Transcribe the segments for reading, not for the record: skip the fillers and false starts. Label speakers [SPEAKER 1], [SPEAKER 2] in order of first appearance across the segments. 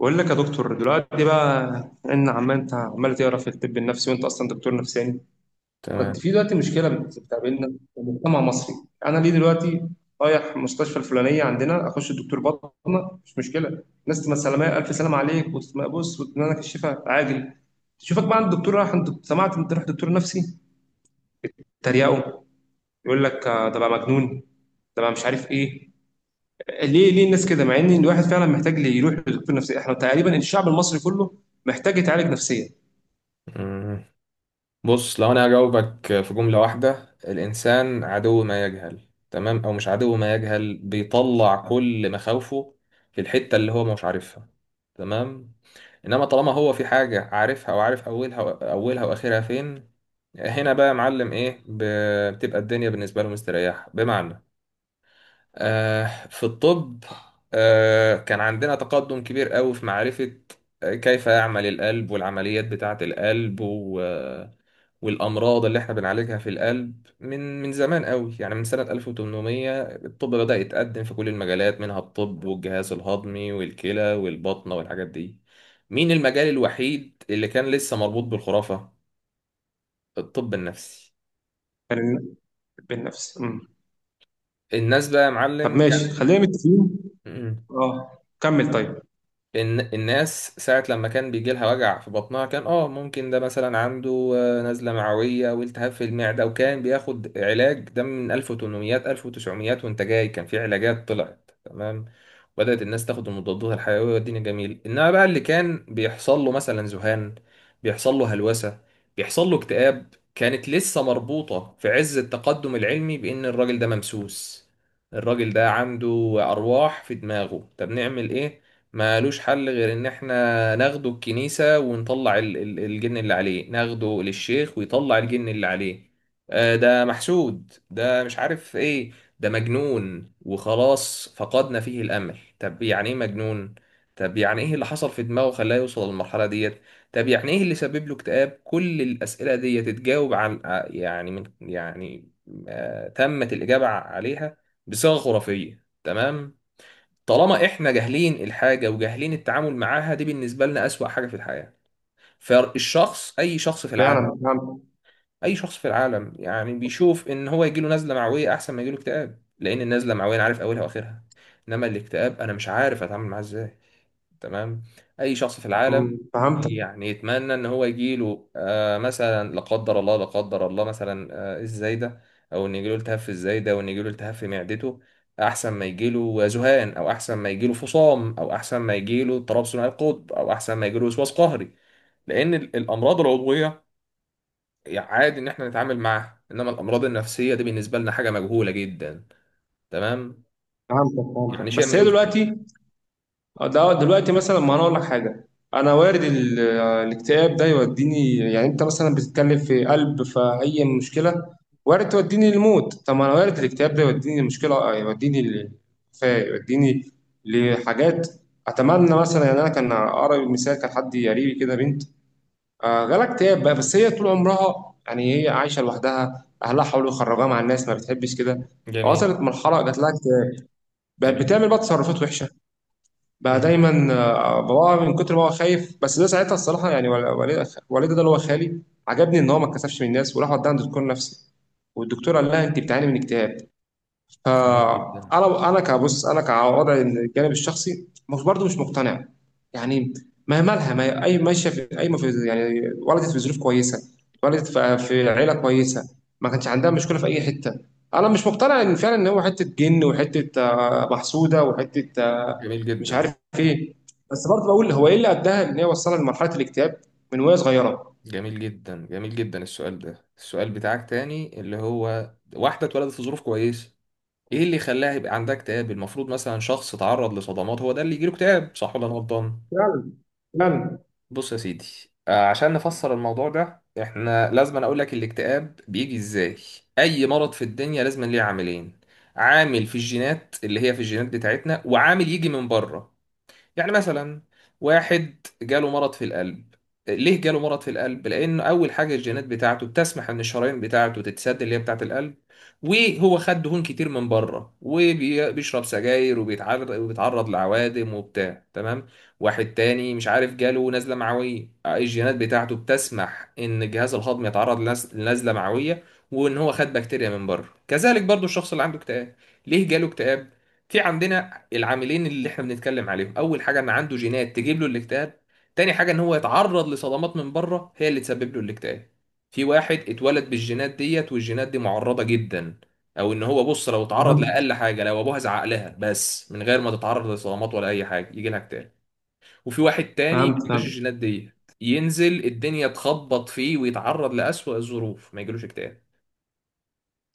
[SPEAKER 1] بقول لك يا دكتور، دلوقتي بقى ان عمال، انت عمال تقرا في الطب النفسي وانت اصلا دكتور نفساني. كنت
[SPEAKER 2] تمام.
[SPEAKER 1] في دلوقتي مشكله بتقابلنا في المجتمع المصري. انا ليه دلوقتي رايح المستشفى الفلانيه عندنا اخش الدكتور بطنه مش مشكله، الناس تبقى سلامه، الف سلام عليك، وتبص وتنالك الشفاء عاجل. تشوفك بقى عند الدكتور، راح عند، سمعت انت رحت دكتور نفسي، تريقه، يقول لك ده بقى مجنون، ده بقى مش عارف ايه. ليه الناس كده، مع ان الواحد فعلا محتاج يروح لدكتور نفسي؟ احنا تقريبا الشعب المصري كله محتاج يتعالج نفسيا.
[SPEAKER 2] مم. بص، لو انا هجاوبك في جملة واحدة، الانسان عدو ما يجهل. تمام؟ او مش عدو ما يجهل، بيطلع كل مخاوفه في الحتة اللي هو مش عارفها. تمام. انما طالما هو في حاجة عارفها وعارف اولها واخرها فين، هنا بقى يا معلم ايه بتبقى الدنيا بالنسبة له مستريحة. بمعنى، في الطب، كان عندنا تقدم كبير قوي في معرفة كيف يعمل القلب، والعمليات بتاعة القلب و... آه، والأمراض اللي احنا بنعالجها في القلب. من زمان قوي، يعني من سنة 1800 الطب بدأ يتقدم في كل المجالات، منها الطب والجهاز الهضمي والكلى والبطنة والحاجات دي. مين المجال الوحيد اللي كان لسه مربوط بالخرافة؟ الطب النفسي.
[SPEAKER 1] كان بالنفس. مم.
[SPEAKER 2] الناس بقى يا
[SPEAKER 1] طب
[SPEAKER 2] معلم
[SPEAKER 1] ماشي، خلينا متفقين.
[SPEAKER 2] كان
[SPEAKER 1] اه، كمل طيب.
[SPEAKER 2] الناس ساعة لما كان بيجي لها وجع في بطنها، كان اه ممكن ده مثلا عنده نزلة معوية والتهاب في المعدة، وكان بياخد علاج ده من 1800 1900 وانت جاي، كان في علاجات طلعت تمام. بدأت الناس تاخد المضادات الحيوية والدنيا جميل، انما بقى اللي كان بيحصل له مثلا ذهان، بيحصل له هلوسة، بيحصل له اكتئاب، كانت لسه مربوطة في عز التقدم العلمي بإن الراجل ده ممسوس، الراجل ده عنده أرواح في دماغه. طب نعمل إيه؟ مالوش حل غير ان احنا ناخده الكنيسة ونطلع الجن اللي عليه، ناخده للشيخ ويطلع الجن اللي عليه. ده محسود، ده مش عارف ايه، ده مجنون وخلاص، فقدنا فيه الامل. طب يعني ايه مجنون؟ طب يعني ايه اللي حصل في دماغه خلاه يوصل للمرحلة ديت؟ طب يعني ايه اللي سبب له اكتئاب؟ كل الاسئلة دي تتجاوب عن ع- يعني من يعني آه، تمت الاجابة عليها بصيغة خرافية. تمام؟ طالما احنا جاهلين الحاجه وجاهلين التعامل معاها، دي بالنسبه لنا اسوأ حاجه في الحياه. فالشخص، اي شخص في العالم،
[SPEAKER 1] فعلا فهمت.
[SPEAKER 2] اي شخص في العالم يعني بيشوف ان هو يجيله نزله معويه احسن ما يجيله اكتئاب، لان النزله المعويه انا عارف اولها واخرها، انما الاكتئاب انا مش عارف اتعامل معاه ازاي. تمام. اي شخص في العالم
[SPEAKER 1] مم. فهمتك
[SPEAKER 2] يعني يتمنى ان هو يجيله آه مثلا لا قدر الله، لا قدر الله مثلا الزايده، او ان يجيله التهاب في الزايده، او ان يجيله التهاب في معدته، احسن ما يجيله ذهان، او احسن ما يجيله فصام، او احسن ما يجيله اضطراب ثنائي القطب، او احسن ما يجيله وسواس قهري. لان الامراض العضويه يعني عادي ان احنا نتعامل معاها، انما الامراض النفسيه دي بالنسبه لنا حاجه مجهوله جدا. تمام.
[SPEAKER 1] فهمتك
[SPEAKER 2] يعني
[SPEAKER 1] فهمتك،
[SPEAKER 2] شيء
[SPEAKER 1] بس
[SPEAKER 2] ما
[SPEAKER 1] هي
[SPEAKER 2] يقوس منه.
[SPEAKER 1] دلوقتي ده دلوقتي مثلا، ما انا اقول لك حاجه، انا وارد الاكتئاب ده يوديني. يعني انت مثلا بتتكلم في قلب، فاي مشكله وارد توديني الموت، طب ما انا وارد الاكتئاب ده يوديني المشكله، يوديني للوفاه، يوديني لحاجات اتمنى مثلا، يعني انا كان اقرب مثال، كان حد قريبي كده بنت جالها اكتئاب بقى. بس هي طول عمرها يعني هي عايشه لوحدها، اهلها حاولوا يخرجوها مع الناس ما بتحبش كده.
[SPEAKER 2] جميل.
[SPEAKER 1] وصلت مرحله، جات لها اكتئاب، بقت
[SPEAKER 2] جميل
[SPEAKER 1] بتعمل
[SPEAKER 2] جدا.
[SPEAKER 1] بقى تصرفات وحشه. بقى
[SPEAKER 2] مم.
[SPEAKER 1] دايما باباها من كتر ما هو خايف. بس ده ساعتها الصراحه، يعني والدي ده اللي هو خالي، عجبني ان هو ما اتكسفش من الناس وراح وداها عند دكتور نفسي، والدكتور قال لها انت بتعاني من اكتئاب.
[SPEAKER 2] جميل جدا
[SPEAKER 1] فانا كبص، انا كوضعي الجانب الشخصي، مش برضه مش مقتنع يعني. ما مالها، ما هي- اي ماشيه في اي، ما في يعني، ولدت في ظروف كويسه، ولدت في عيله كويسه، ما كانش عندها مشكله في اي حته. انا مش مقتنع ان فعلا ان هو حته جن، وحته محسوده، وحته
[SPEAKER 2] جميل
[SPEAKER 1] مش
[SPEAKER 2] جدا
[SPEAKER 1] عارف ايه. بس برضه بقول هو ايه اللي اداها، ان هي وصلها لمرحله الاكتئاب من وهي صغيره؟
[SPEAKER 2] جميل جدا جميل جدا. السؤال ده، السؤال بتاعك تاني، اللي هو واحدة اتولدت في ظروف كويسة، ايه اللي خلاها يبقى عندها اكتئاب؟ المفروض مثلا شخص اتعرض لصدمات هو ده اللي يجيله اكتئاب، صح ولا انا غلطان؟
[SPEAKER 1] فعلا فعلا.
[SPEAKER 2] بص يا سيدي، عشان نفسر الموضوع ده احنا لازم اقول لك الاكتئاب بيجي ازاي. اي مرض في الدنيا لازم ليه عاملين: عامل في الجينات اللي هي في الجينات بتاعتنا، وعامل يجي من بره. يعني مثلا واحد جاله مرض في القلب، ليه جاله مرض في القلب؟ لان اول حاجه الجينات بتاعته بتسمح ان الشرايين بتاعته تتسد اللي هي بتاعه القلب، وهو خد دهون كتير من بره وبيشرب سجاير وبيتعرض لعوادم وبتاع. تمام. واحد تاني مش عارف جاله نزله معويه، الجينات بتاعته بتسمح ان الجهاز الهضمي يتعرض لنزله معويه، وان هو خد بكتيريا من بره. كذلك برضو الشخص اللي عنده اكتئاب، ليه جاله اكتئاب؟ في عندنا العاملين اللي احنا بنتكلم عليهم: اول حاجه ان عنده جينات تجيب له الاكتئاب، تاني حاجه ان هو يتعرض لصدمات من بره هي اللي تسبب له الاكتئاب. في واحد اتولد بالجينات ديت، والجينات دي معرضه جدا، او ان هو بص لو اتعرض
[SPEAKER 1] فهمت
[SPEAKER 2] لاقل حاجه، لو ابوها زعق لها بس من غير ما تتعرض لصدمات ولا اي حاجه، يجي لها اكتئاب. وفي واحد تاني ما
[SPEAKER 1] فهمت
[SPEAKER 2] عندوش
[SPEAKER 1] فهمت
[SPEAKER 2] الجينات ديت، ينزل الدنيا تخبط فيه ويتعرض لأسوأ الظروف ما يجيلوش اكتئاب.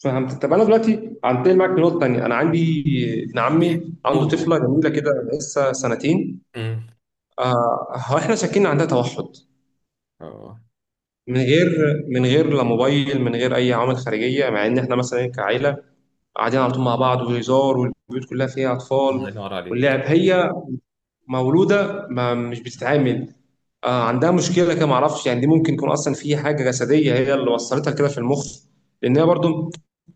[SPEAKER 1] فهمت. طب انا دلوقتي هنتقل معاك لنقطه تانيه. انا عندي ابن
[SPEAKER 2] يح-
[SPEAKER 1] عمي عنده
[SPEAKER 2] قول قول.
[SPEAKER 1] طفله جميله كده لسه سنتين،
[SPEAKER 2] امم
[SPEAKER 1] آه، هو احنا شاكين عندها توحد.
[SPEAKER 2] اه.
[SPEAKER 1] من غير من غير لا موبايل، من غير اي عوامل خارجيه، مع ان احنا مثلا كعائله قاعدين على طول مع بعض وهزار، والبيوت كلها فيها اطفال
[SPEAKER 2] الله ينور
[SPEAKER 1] واللعب.
[SPEAKER 2] عليك.
[SPEAKER 1] هي مولوده ما مش بتتعامل، آه عندها مشكله كده ما اعرفش. يعني دي ممكن يكون اصلا في حاجه جسديه هي اللي وصلتها كده في المخ؟ لان هي برضو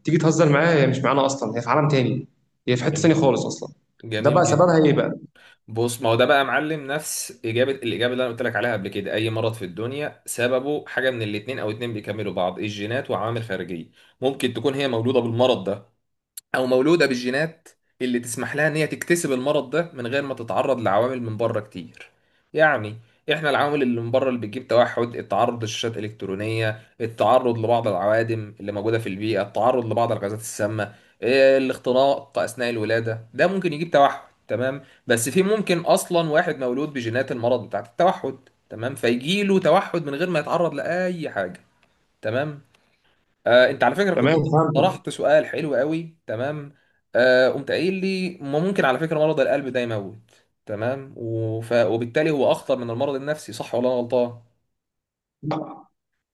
[SPEAKER 1] تيجي تهزر معاها هي مش معانا اصلا، هي في عالم تاني، هي في حته تانيه
[SPEAKER 2] جميل جدا.
[SPEAKER 1] خالص اصلا. ده
[SPEAKER 2] جميل
[SPEAKER 1] بقى
[SPEAKER 2] جدا.
[SPEAKER 1] سببها ايه بقى؟
[SPEAKER 2] بص، ما هو ده بقى يا معلم نفس الاجابه اللي انا قلت لك عليها قبل كده. اي مرض في الدنيا سببه حاجه من الاتنين، او اتنين بيكملوا بعض: الجينات وعوامل خارجيه. ممكن تكون هي مولوده بالمرض ده، او مولوده بالجينات اللي تسمح لها ان هي تكتسب المرض ده من غير ما تتعرض لعوامل من بره كتير. يعني احنا العوامل اللي من بره اللي بتجيب توحد: التعرض لشاشات الكترونيه، التعرض لبعض العوادم اللي موجوده في البيئه، التعرض لبعض الغازات السامه، إيه، الاختناق اثناء الولاده ده ممكن يجيب توحد. تمام. بس في ممكن اصلا واحد مولود بجينات المرض بتاعت التوحد، تمام، فيجيله توحد من غير ما يتعرض لاي حاجه. تمام. انت على فكره كنت
[SPEAKER 1] تمام
[SPEAKER 2] انت
[SPEAKER 1] فهمت.
[SPEAKER 2] طرحت سؤال حلو قوي. تمام. قمت قايل لي ما ممكن على فكره مرض القلب ده يموت، تمام، وف... وبالتالي هو اخطر من المرض النفسي، صح ولا انا غلطان؟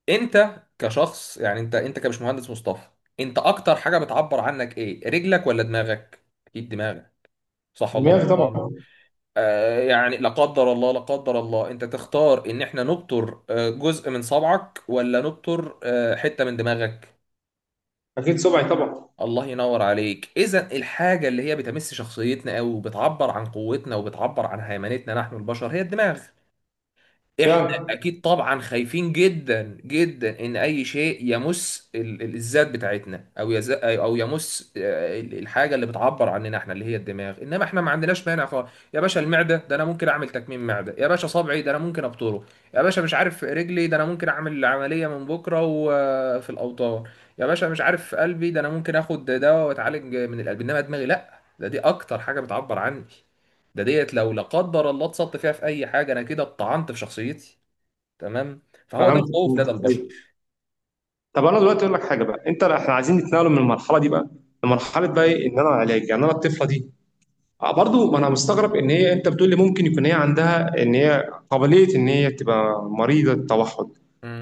[SPEAKER 2] انت كشخص، يعني انت كمش مهندس مصطفى، انت اكتر حاجه بتعبر عنك ايه؟ رجلك ولا دماغك؟ اكيد دماغك، صح ولا انا
[SPEAKER 1] دماغي
[SPEAKER 2] غلطان؟
[SPEAKER 1] طبعا.
[SPEAKER 2] يعني لا قدر الله، لا قدر الله، انت تختار ان احنا نبتر جزء من صبعك، ولا نبتر حته من دماغك؟
[SPEAKER 1] اكيد سبعي طبعا.
[SPEAKER 2] الله ينور عليك. اذا الحاجه اللي هي بتمس شخصيتنا او بتعبر عن قوتنا وبتعبر عن هيمنتنا نحن البشر هي الدماغ. احنا
[SPEAKER 1] فعلا.
[SPEAKER 2] اكيد طبعا خايفين جدا جدا ان اي شيء يمس الذات بتاعتنا، او يز... او يمس آه، الحاجه اللي بتعبر عننا احنا، اللي هي الدماغ. انما احنا ما عندناش مانع خالص. يا باشا المعده ده انا ممكن اعمل تكميم معده، يا باشا صبعي ده انا ممكن ابطره، يا باشا مش عارف رجلي ده انا ممكن اعمل عمليه من بكره وفي الاوطان، يا باشا مش عارف قلبي ده انا ممكن اخد دواء واتعالج من القلب. انما دماغي لا، ده دي اكتر حاجه بتعبر عني، ده ديت لو لا قدر الله اتسطت فيها في اي حاجه، انا كده اتطعنت في شخصيتي. تمام. فهو ده
[SPEAKER 1] فهمت
[SPEAKER 2] الخوف
[SPEAKER 1] فهمت.
[SPEAKER 2] لدى البشر.
[SPEAKER 1] أيوة. طب انا دلوقتي اقول لك حاجه بقى انت، احنا عايزين نتنقل من المرحله دي بقى
[SPEAKER 2] مم.
[SPEAKER 1] لمرحله بقى ايه ان انا علاج، يعني انا الطفله دي برضو، ما انا مستغرب ان هي، انت بتقول لي ممكن يكون هي عندها، ان هي قابليه ان هي تبقى مريضه توحد.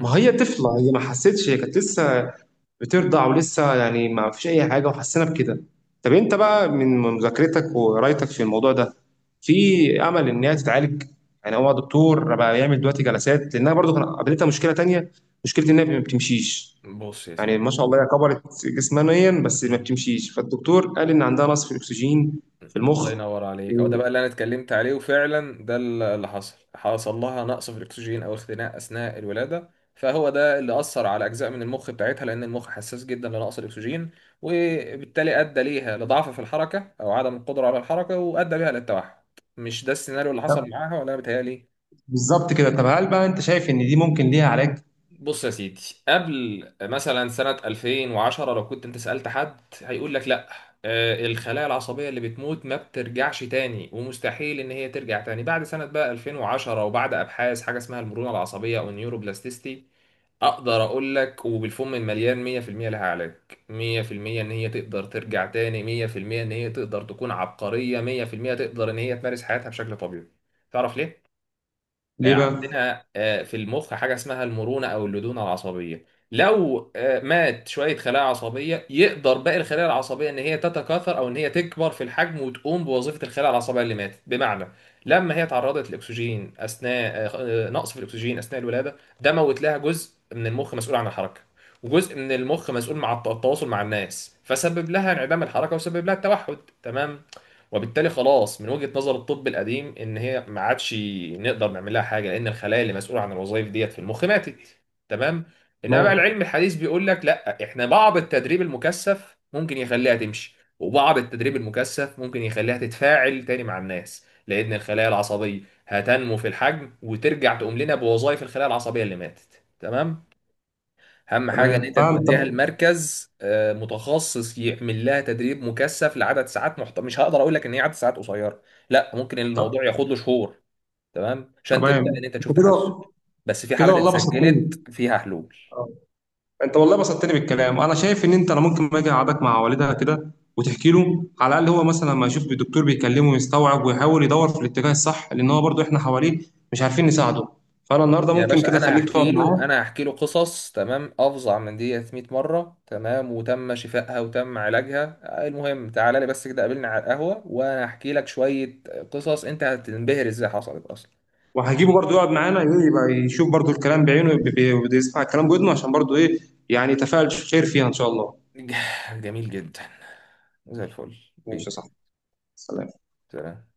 [SPEAKER 1] ما هي طفله، هي ما حستش، هي كانت لسه بترضع، ولسه يعني ما فيش اي حاجه، وحسينا بكده. طب انت بقى من مذاكرتك وقرايتك في الموضوع ده، في امل ان هي تتعالج؟ يعني هو دكتور بقى يعمل دلوقتي جلسات، لانها برضو كان قابلتها مشكله تانية، مشكله ان هي ما بتمشيش.
[SPEAKER 2] بص يا
[SPEAKER 1] يعني
[SPEAKER 2] سيدي.
[SPEAKER 1] ما شاء الله هي كبرت جسمانيا بس ما
[SPEAKER 2] مم.
[SPEAKER 1] بتمشيش، فالدكتور قال ان عندها نقص في الاكسجين في
[SPEAKER 2] الله
[SPEAKER 1] المخ
[SPEAKER 2] ينور عليك. او ده
[SPEAKER 1] و-
[SPEAKER 2] بقى اللي انا اتكلمت عليه، وفعلا ده اللي حصل. حصل لها نقص في الاكسجين او اختناق اثناء الولاده، فهو ده اللي اثر على اجزاء من المخ بتاعتها، لان المخ حساس جدا لنقص الاكسجين، وبالتالي ادى ليها لضعف في الحركه او عدم القدره على الحركه، وادى بيها للتوحد. مش ده السيناريو اللي حصل
[SPEAKER 1] طب
[SPEAKER 2] معاها ولا أنا بيتهيألي؟
[SPEAKER 1] بالظبط كده. طب هل بقى انت شايف ان دي ممكن ليها علاج؟
[SPEAKER 2] بص يا سيدي، قبل مثلا سنة 2010 لو كنت انت سألت حد هيقول لك لا، الخلايا العصبية اللي بتموت ما بترجعش تاني، ومستحيل ان هي ترجع تاني. بعد سنة بقى 2010 وبعد ابحاث حاجة اسمها المرونة العصبية او النيوروبلاستيستي، اقدر اقول لك وبالفم المليان 100% لها علاج. 100% ان هي تقدر ترجع تاني. 100% ان هي تقدر تكون عبقرية. 100% تقدر ان هي تمارس حياتها بشكل طبيعي. تعرف ليه؟
[SPEAKER 1] ليه بقى؟
[SPEAKER 2] عندنا في المخ حاجة اسمها المرونة أو اللدونة العصبية. لو مات شوية خلايا عصبية، يقدر باقي الخلايا العصبية إن هي تتكاثر أو إن هي تكبر في الحجم وتقوم بوظيفة الخلايا العصبية اللي ماتت. بمعنى، لما هي تعرضت للأكسجين أثناء، نقص في الأكسجين أثناء الولادة، ده موت لها جزء من المخ مسؤول عن الحركة، وجزء من المخ مسؤول مع التواصل مع الناس، فسبب لها انعدام الحركة وسبب لها التوحد. تمام. وبالتالي خلاص، من وجهة نظر الطب القديم، ان هي ما عادش نقدر نعمل لها حاجه، لان الخلايا اللي مسؤوله عن الوظائف ديت في المخ ماتت. تمام. انما بقى
[SPEAKER 1] تمام.
[SPEAKER 2] العلم الحديث بيقول لك لا، احنا بعض التدريب المكثف ممكن يخليها تمشي، وبعض التدريب المكثف ممكن يخليها تتفاعل تاني مع الناس، لان الخلايا العصبيه هتنمو في الحجم وترجع تقوم لنا بوظائف الخلايا العصبيه اللي ماتت. تمام. اهم حاجه ان
[SPEAKER 1] تمام
[SPEAKER 2] انت
[SPEAKER 1] فاهم.
[SPEAKER 2] توديها
[SPEAKER 1] طب.
[SPEAKER 2] لمركز متخصص يعمل لها تدريب مكثف لعدد ساعات مش هقدر اقول لك ان هي عدد ساعات قصيره، لا ممكن
[SPEAKER 1] طب
[SPEAKER 2] الموضوع ياخد له شهور. تمام، عشان تبدا
[SPEAKER 1] تمام،
[SPEAKER 2] ان انت
[SPEAKER 1] انت
[SPEAKER 2] تشوف تحسن.
[SPEAKER 1] كده،
[SPEAKER 2] بس في
[SPEAKER 1] كده
[SPEAKER 2] حالات
[SPEAKER 1] والله بسطتني.
[SPEAKER 2] اتسجلت فيها حلول.
[SPEAKER 1] آه. انت والله بسطتني بالكلام. انا شايف ان انت، انا ممكن ما اجي اقعدك مع والدها كده وتحكي له، على الاقل هو مثلا لما يشوف الدكتور بيكلمه ويستوعب ويحاول يدور في الاتجاه الصح، لان هو برضو احنا حواليه مش عارفين نساعده. فانا النهارده
[SPEAKER 2] يا
[SPEAKER 1] ممكن
[SPEAKER 2] باشا
[SPEAKER 1] كده
[SPEAKER 2] انا
[SPEAKER 1] اخليك تقعد
[SPEAKER 2] هحكي له،
[SPEAKER 1] معاه،
[SPEAKER 2] انا هحكي له قصص تمام افظع من دي 100 مره، تمام، وتم شفائها وتم علاجها. المهم تعالى لي بس كده، قابلني على القهوه وانا هحكي لك شويه قصص انت هتنبهر ازاي حصلت اصلا.
[SPEAKER 1] وهجيبه
[SPEAKER 2] ماشي.
[SPEAKER 1] برضه يقعد معانا ايه، يبقى يشوف برضه الكلام بعينه، بيسمع الكلام بودنه عشان برضه ايه، يعني يتفاعل. خير فيها ان شاء الله.
[SPEAKER 2] ج- جميل جدا. زي الفل
[SPEAKER 1] ماشي يا
[SPEAKER 2] بيه.
[SPEAKER 1] صاحبي. سلام.
[SPEAKER 2] سلام.